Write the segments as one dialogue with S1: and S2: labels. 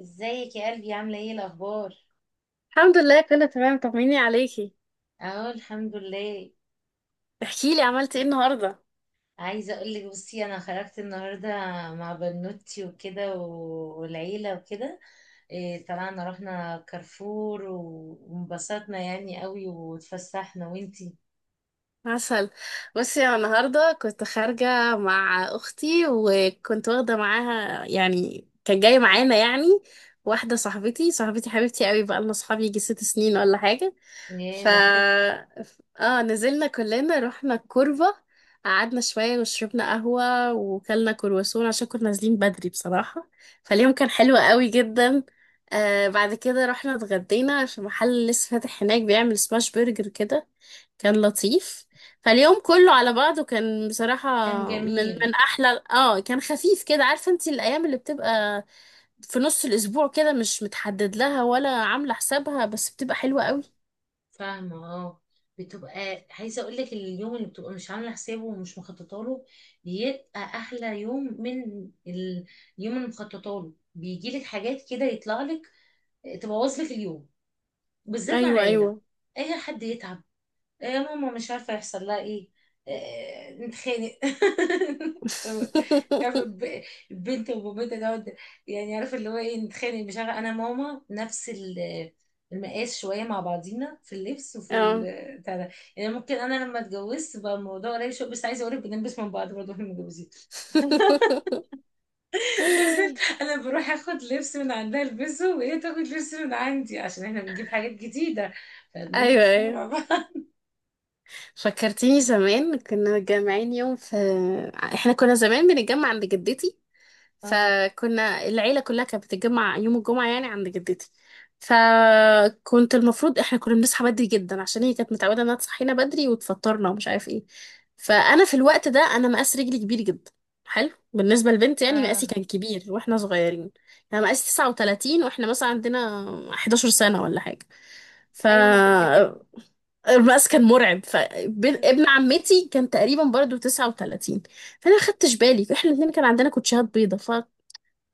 S1: ازيك يا قلبي؟ عامله ايه الاخبار؟
S2: الحمد لله كله تمام، طمني عليكي.
S1: اهو الحمد لله.
S2: احكي لي عملتي ايه النهارده؟
S1: عايزه اقول لك، بصي انا خرجت النهارده مع بنوتي وكده والعيله وكده. إيه، طلعنا رحنا كارفور وانبسطنا يعني قوي واتفسحنا. وانتي؟
S2: عسل. بصي انا النهارده كنت خارجه مع اختي، وكنت واخده معاها يعني كان جاي معانا يعني واحده صاحبتي حبيبتي قوي، بقى لنا صحاب يجي ست سنين ولا حاجه.
S1: ايه
S2: ف
S1: ده، حلو.
S2: اه نزلنا كلنا رحنا الكوربة، قعدنا شوية وشربنا قهوة وكلنا كرواسون عشان كنا نازلين بدري بصراحة. فاليوم كان حلو قوي جدا. بعد كده رحنا اتغدينا في محل لسه فاتح هناك بيعمل سماش برجر كده، كان لطيف. فاليوم كله على بعضه كان بصراحة
S1: كان
S2: من
S1: جميل.
S2: من أحلى، كان خفيف كده، عارفة انت الأيام اللي بتبقى في نص الأسبوع كده، مش متحدد لها ولا عاملة حسابها بس بتبقى حلوة قوي.
S1: فاهمه، اه. بتبقى، عايزه اقول لك، اليوم اللي بتبقى مش عامله حسابه ومش مخططه له بيبقى احلى يوم من ال- اليوم اللي مخططه له بيجي لك حاجات كده، يطلع لك تبوظ لك اليوم، بالذات مع
S2: أيوة
S1: العيله.
S2: أيوة.
S1: اي حد يتعب، يا ماما مش عارفه يحصل لها ايه. آه، نتخانق طب عارفه البنت وبابتها دوت. يعني عارفه، اللي هو ايه، نتخانق، مش عارفه، انا ماما نفس المقاس شويه مع بعضينا في اللبس وفي
S2: اه.
S1: بتاع ده. يعني ممكن انا لما اتجوزت بقى الموضوع قريب شويه، بس عايزه اقول لك بنلبس من بعض برضه واحنا متجوزين نزلت انا بروح اخد لبس من عندها البسه، وهي تاخد لبس من عندي، عشان احنا بنجيب حاجات جديده
S2: ايوه
S1: فبنلبس
S2: ايوه.
S1: مع بعض.
S2: فكرتيني زمان كنا متجمعين يوم في، احنا كنا زمان بنتجمع عند جدتي،
S1: اه
S2: فكنا العيلة كلها كانت بتتجمع يوم الجمعة يعني عند جدتي. فكنت المفروض احنا كنا بنصحى بدري جدا عشان هي كانت متعودة انها تصحينا بدري وتفطرنا ومش عارف ايه. فانا في الوقت ده مقاس رجلي كبير جدا، حلو بالنسبة للبنت يعني
S1: اه
S2: مقاسي كان كبير واحنا صغيرين. انا مقاسي 39 واحنا مثلا عندنا 11 سنة ولا حاجة.
S1: ايوه، انا كنت كده.
S2: فالمقاس كان مرعب. فابن عمتي كان تقريبا برضو 39، فانا ما خدتش بالي احنا الاثنين كان عندنا كوتشيهات بيضة.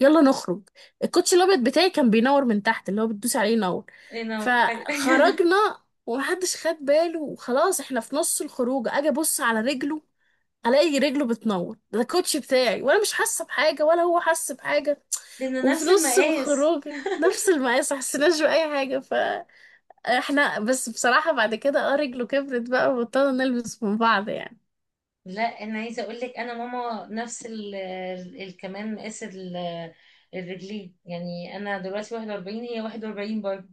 S2: يلا نخرج، الكوتش الابيض بتاعي كان بينور من تحت، اللي هو بتدوسي عليه ينور.
S1: إيه، انا أيوة.
S2: فخرجنا ومحدش خد باله وخلاص، احنا في نص الخروج اجي ابص على رجله، الاقي رجله بتنور، ده الكوتش بتاعي، وانا مش حاسه بحاجه ولا هو حاسس بحاجه.
S1: لانه
S2: وفي
S1: نفس
S2: نص
S1: المقاس.
S2: الخروج نفس المقاس ما حسيناش باي حاجه. فاحنا بس بصراحه بعد كده رجله كبرت بقى وبطلنا نلبس من بعض يعني.
S1: لا، انا عايزه اقول لك انا ماما نفس كمان مقاس الرجلين. يعني انا دلوقتي 41، هي 41 برضه.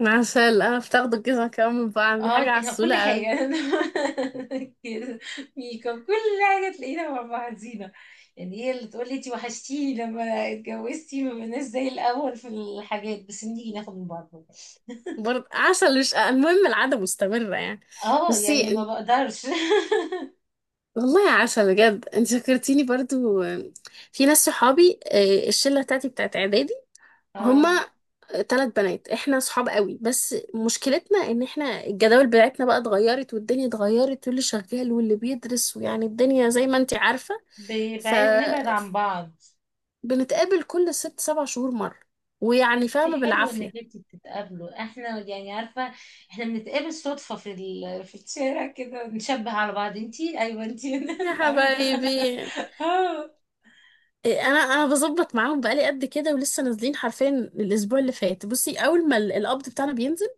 S2: عسل، اه بتاخدوا الجزمه كمان من بعض، دي
S1: اه،
S2: حاجه
S1: كل
S2: عسوله قوي.
S1: حاجة كده ميك اب، كل حاجة تلاقينا مع بعضينا. يعني هي اللي تقول لي انتي وحشتيني، لما اتجوزتي ما بقيناش زي الأول في الحاجات، بس نيجي ناخد من بعض برضه.
S2: برضه عسل، مش المهم العادة مستمرة يعني.
S1: اه يعني ما
S2: بصي،
S1: بقدرش
S2: والله يا عسل بجد انت فكرتيني برضو في ناس صحابي، الشلة بتاعتي بتاعت اعدادي،
S1: اه،
S2: هما ثلاث بنات، احنا صحاب قوي بس مشكلتنا ان احنا الجداول بتاعتنا بقى اتغيرت والدنيا اتغيرت، واللي شغال واللي بيدرس، ويعني الدنيا زي ما انت عارفة.
S1: بنبعد، نبعد عن بعض.
S2: فبنتقابل كل ست سبع شهور مرة، ويعني
S1: انتي
S2: فاهمة
S1: حلو انك
S2: بالعافية.
S1: انتي بتتقابلوا. احنا يعني عارفة احنا بنتقابل صدفة في في الشارع كده، نشبه على بعض، انتي؟ ايوه انتي
S2: يا
S1: عارفة؟
S2: حبايبي.
S1: اه،
S2: انا بظبط معاهم بقالي قد كده ولسه نازلين حرفيا الاسبوع اللي فات. بصي اول ما القبض بتاعنا بينزل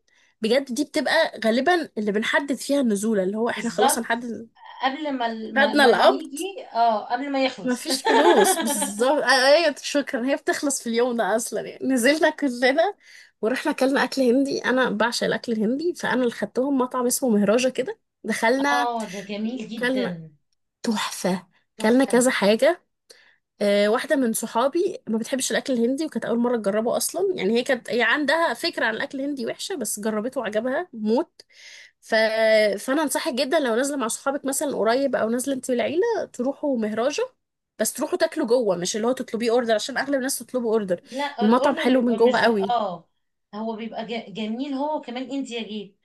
S2: بجد، دي بتبقى غالبا اللي بنحدد فيها النزوله، اللي هو احنا خلاص
S1: بالظبط.
S2: هنحدد،
S1: قبل ما
S2: خدنا القبض،
S1: نيجي، اه قبل ما يخلص
S2: مفيش فلوس بالظبط. ايوه شكرا، هي بتخلص في اليوم ده اصلا يعني. نزلنا كلنا ورحنا اكلنا اكل هندي. انا بعشق الاكل الهندي، فانا اللي خدتهم مطعم اسمه مهراجة كده، دخلنا
S1: اه، ده جميل
S2: كلنا.
S1: جدا.
S2: تحفه. كلنا
S1: تحفة.
S2: كذا حاجه. واحدة من صحابي ما بتحبش الأكل الهندي وكانت أول مرة تجربه أصلا يعني، هي عندها فكرة عن الأكل الهندي وحشة، بس جربته وعجبها موت. ف... فأنا أنصحك جدا لو نازلة مع صحابك مثلا قريب، أو نازلة أنت والعيلة، تروحوا مهراجة. بس تروحوا تاكلوا جوه، مش اللي هو تطلبيه أوردر عشان أغلب الناس تطلبوا أوردر.
S1: لا
S2: المطعم
S1: الاوردر
S2: حلو من
S1: بيبقى مش
S2: جوه
S1: زي-
S2: قوي.
S1: اه. هو بيبقى جميل. هو كمان انديا جيت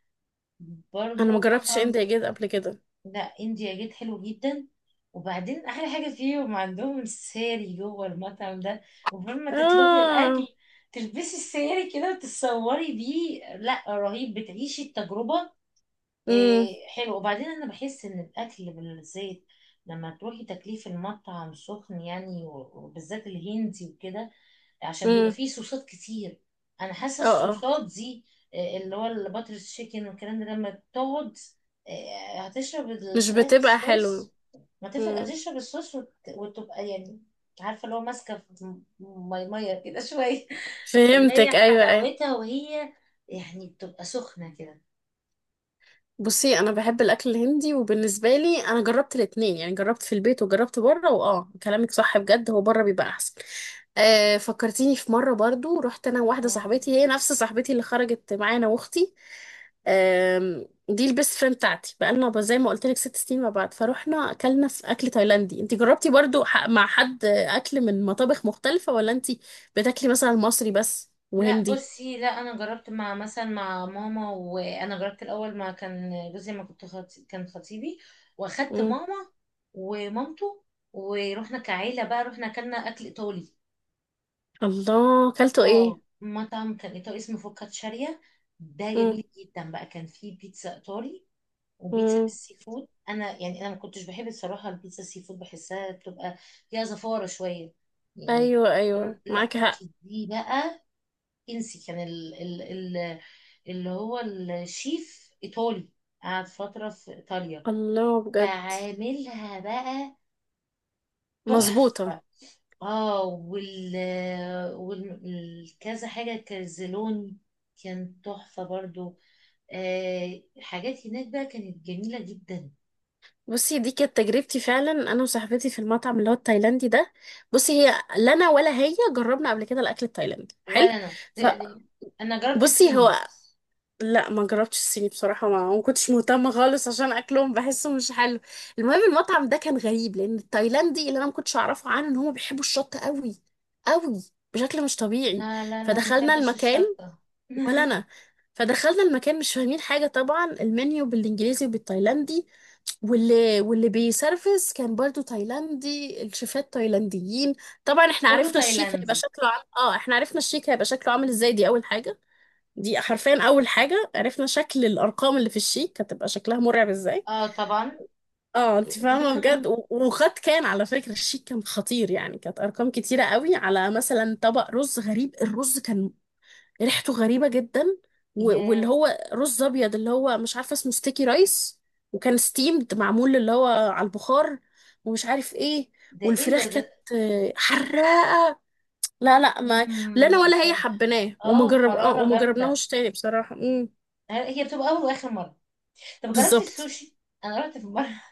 S2: أنا ما
S1: برضو
S2: جربتش
S1: مطعم.
S2: إنديا جيت قبل كده.
S1: لا، انديا جيت حلو جدا. وبعدين احلى حاجة فيهم، عندهم الساري جوه المطعم ده، وقبل ما تطلبي
S2: آه.
S1: الاكل تلبسي الساري كده وتتصوري بيه. لا رهيب، بتعيشي التجربة.
S2: امم
S1: إيه حلو. وبعدين انا بحس ان الاكل بالزيت لما تروحي تاكليه في المطعم سخن يعني وبالذات الهندي وكده، عشان بيبقى
S2: امم.
S1: فيه صوصات كتير. انا حاسه
S2: اه.
S1: الصوصات دي، إيه، اللي هو الباتر تشيكن والكلام ده، لما تقعد، إيه، هتشرب
S2: مش
S1: الفراخ
S2: بتبقى حلوة.
S1: الصوص. ما تفرق،
S2: امم
S1: هتشرب الصوص وتبقى يعني عارفه اللي هو ماسكه في ميه كده شويه اللي هي
S2: فهمتك، أيوة أيوة.
S1: حلاوتها، وهي يعني بتبقى سخنه كده.
S2: بصي انا بحب الاكل الهندي، وبالنسبه لي انا جربت الاتنين يعني، جربت في البيت وجربت بره، واه كلامك صح بجد، هو بره بيبقى احسن. آه فكرتيني في مره برضو، رحت انا وواحده صاحبتي، هي نفس صاحبتي اللي خرجت معانا واختي. دي البيست فريند بتاعتي، بقالنا زي ما قلت لك ست سنين مع بعض. فروحنا اكلنا في اكل تايلاندي. انت جربتي برضو مع حد اكل من مطابخ مختلفه، ولا انت بتاكلي مثلا مصري بس
S1: لا
S2: وهندي؟
S1: بصي، لا انا جربت مع مثلا مع ماما، وانا جربت الاول ما كان جوزي، ما كان خطيبي، واخدت
S2: مم.
S1: ماما ومامته، ورحنا كعيله بقى، رحنا اكلنا اكل ايطالي.
S2: الله اكلته ايه؟
S1: اه، مطعم كان ايطالي اسمه فوكاتشاريا. ده جميل جدا بقى، كان فيه بيتزا ايطالي وبيتزا
S2: مم.
S1: بالسي فود. انا يعني انا ما كنتش بحب الصراحه البيتزا السي فود، بحسها بتبقى فيها زفاره شويه يعني.
S2: ايوه ايوه
S1: لا،
S2: معاك حق.
S1: دي بقى انسي. كان ال ال ال اللي هو الشيف ايطالي، قعد فتره في ايطاليا،
S2: الله بجد.
S1: فعاملها بقى
S2: مظبوطه.
S1: تحفه. اه، والكذا حاجه كرزلوني كان تحفه برضو. آه، حاجات هناك بقى كانت جميله جدا.
S2: بصي دي كانت تجربتي فعلا انا وصاحبتي في المطعم اللي هو التايلاندي ده. بصي لا انا ولا هي جربنا قبل كده الاكل التايلاندي
S1: ولا
S2: حلو.
S1: انا يعني انا جربت
S2: فبصي
S1: صيني.
S2: هو لا ما جربتش الصيني بصراحه، ما كنتش مهتمه خالص عشان اكلهم بحسه مش حلو. المهم المطعم ده كان غريب، لان التايلاندي اللي انا ما كنتش اعرفه عنه ان هم بيحبوا الشطه قوي قوي بشكل مش طبيعي.
S1: لا لا لا، ما
S2: فدخلنا
S1: احبش
S2: المكان.
S1: الشطه
S2: ولا انا. فدخلنا المكان مش فاهمين حاجه طبعا، المنيو بالانجليزي وبالتايلاندي، واللي بيسرفس كان برضو تايلاندي، الشيفات تايلانديين. طبعا احنا
S1: كله
S2: عرفنا الشيك هيبقى
S1: تايلاندي.
S2: شكله عام... اه احنا عرفنا الشيك هيبقى شكله عامل ازاي، دي اول حاجه. دي حرفيا اول حاجه، عرفنا شكل الارقام اللي في الشيك هتبقى شكلها مرعب ازاي.
S1: اه طبعا
S2: اه انت فاهمه بجد. وخد، كان على فكره الشيك كان خطير يعني، كانت ارقام كتيره قوي على مثلا طبق رز. غريب الرز كان ريحته غريبة جدا. واللي
S1: يا،
S2: هو رز ابيض اللي هو مش عارفة اسمه ستيكي رايس، وكان ستيمد معمول اللي هو على البخار ومش عارف ايه.
S1: ده ايه
S2: والفراخ
S1: ده
S2: كانت
S1: ده
S2: حراقة. لا لا ما لا انا
S1: أم
S2: ولا هي
S1: فل.
S2: حبيناه،
S1: اه، حرارة
S2: وما
S1: جامدة.
S2: جربناهوش تاني بصراحة. امم.
S1: هي بتبقى أول وآخر مرة. طب جربتي
S2: بالظبط.
S1: السوشي؟ أنا رحت في مرة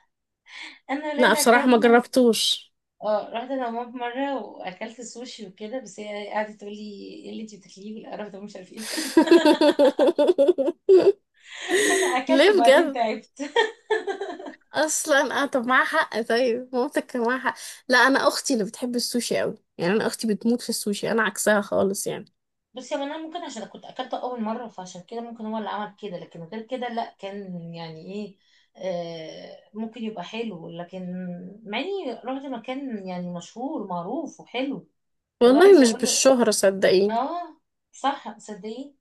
S1: أنا
S2: لا
S1: ليلى
S2: بصراحة ما
S1: أكلنا.
S2: جربتوش.
S1: اه، رحت أنا وماما في مرة وأكلت السوشي وكده، بس هي قعدت تقول لي إيه اللي أنتي بتاكليه، والقرف ده مش عارف إيه. أنا أكلت
S2: ليه
S1: وبعدين
S2: بجد؟
S1: تعبت
S2: اصلا اه طب معاها حق، طيب مامتك كان معاها حق. لا انا اختي اللي بتحب السوشي قوي يعني، انا اختي بتموت في السوشي، انا عكسها خالص يعني.
S1: بس يعني أنا ممكن عشان كنت أكلته أول مرة، فعشان كده ممكن هو اللي عمل كده، لكن غير كده لأ، كان يعني إيه. آه، ممكن يبقى حلو، لكن مع إني رحت مكان يعني مشهور معروف وحلو. فاللي هو
S2: والله
S1: عايزة
S2: مش
S1: أقول له،
S2: بالشهرة صدقيني.
S1: اه، صح، صدقي.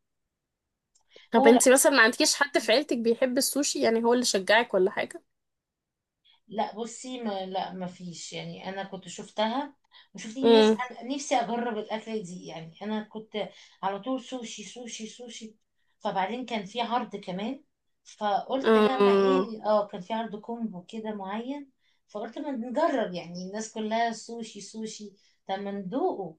S2: طب
S1: هو لا.
S2: انتي مثلا ما عندكيش حد في عيلتك بيحب السوشي؟ يعني هو اللي شجعك ولا حاجة؟
S1: لا بصي، ما فيش يعني. انا كنت شفتها وشفت الناس،
S2: امم.
S1: انا نفسي اجرب الاكله دي. يعني انا كنت على طول سوشي سوشي سوشي. فبعدين كان في عرض كمان، فقلت لما
S2: اه.
S1: ايه، اه كان في عرض كومبو كده معين، فقلت ما نجرب، يعني الناس كلها سوشي سوشي، طب ما ندوقه.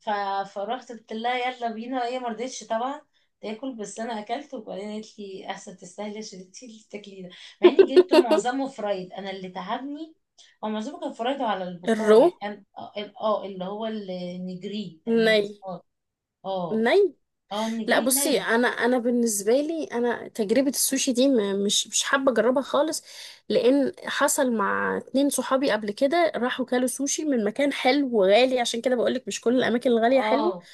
S1: ف... فروحت قلت لها يلا بينا، هي ما رضتش طبعا تاكل، بس انا اكلت. وبعدين قالت لي احسن تستاهلي، عشان انت اللي بتاكلي ده، مع اني جبت معظمه فرايد، انا اللي تعبني. هو معظمه كان فرايد على البخار يعني.
S2: الرو.
S1: اه، آه، اللي هو النجري تقريبا
S2: الني.
S1: اسمه. اه
S2: الني.
S1: اه
S2: لا
S1: النجري
S2: بصي
S1: ني.
S2: انا بالنسبه لي انا تجربه السوشي دي مش حابه اجربها خالص، لان حصل مع اتنين صحابي قبل كده راحوا كلوا سوشي من مكان حلو وغالي، عشان كده بقولك مش كل الاماكن الغاليه حلوه.
S1: اه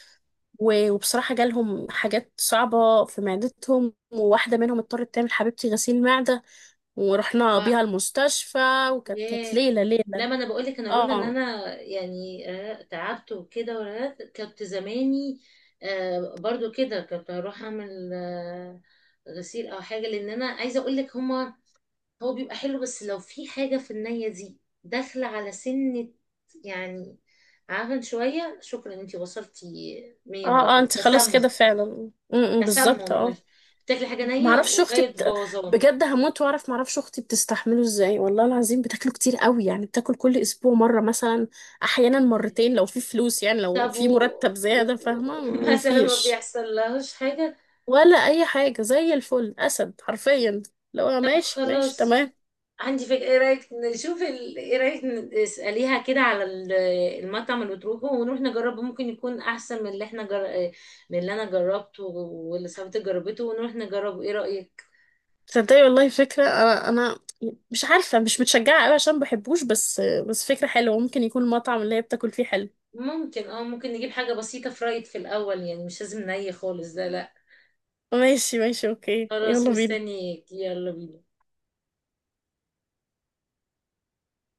S2: وبصراحه جالهم حاجات صعبه في معدتهم، وواحده منهم اضطرت تعمل حبيبتي غسيل معده ورحنا
S1: بقى.
S2: بيها المستشفى، وكانت
S1: ياه.
S2: ليله ليله.
S1: لا، ما انا بقول لك، انا لولا ان
S2: اه
S1: انا يعني آه، تعبت وكده ورهقت، كنت زماني آه، برضو كده، كنت هروح اعمل آه، غسيل او حاجه. لان انا عايزه اقول لك هما، هو بيبقى حلو، بس لو في حاجه في النيه دي داخله على سنه يعني، عفن شويه. شكرا، انتي وصلتي مية مية.
S2: اه. اه
S1: كده
S2: انت خلاص
S1: تسمم.
S2: كده فعلا. م- م، بالظبط
S1: تسمم
S2: اه.
S1: مش- بتاكلي حاجه نيه
S2: معرفش اختي
S1: وجايه بوظان.
S2: بجد هموت واعرف معرفش اختي بتستحمله ازاي، والله العظيم بتاكله كتير قوي يعني، بتاكل كل اسبوع مره مثلا، احيانا مرتين لو في فلوس يعني، لو
S1: طب
S2: في مرتب
S1: و...
S2: زياده، فاهمه.
S1: و- مثلا ما
S2: مفيش،
S1: بيحصل لهاش حاجة؟
S2: ولا اي حاجه، زي الفل، اسد حرفيا، لو
S1: طب
S2: ماشي ماشي
S1: خلاص،
S2: تمام.
S1: عندي فكرة. ايه رأيك ايه رأيك نسأليها كده على المطعم اللي بتروحه، ونروح نجربه. ممكن يكون احسن من اللي من اللي انا جربته واللي صاحبتي جربته، ونروح نجربه. ايه رأيك؟
S2: تصدقي والله فكره. انا مش عارفه مش متشجعه قوي عشان بحبوش، بس فكره حلوه، ممكن يكون المطعم اللي هي بتاكل فيه حلو.
S1: ممكن، اه ممكن نجيب حاجة بسيطة فرايد في الأول، يعني مش لازم ني خالص ده، لا.
S2: ماشي ماشي اوكي،
S1: خلاص
S2: يلا بينا.
S1: مستنيك، يلا بينا.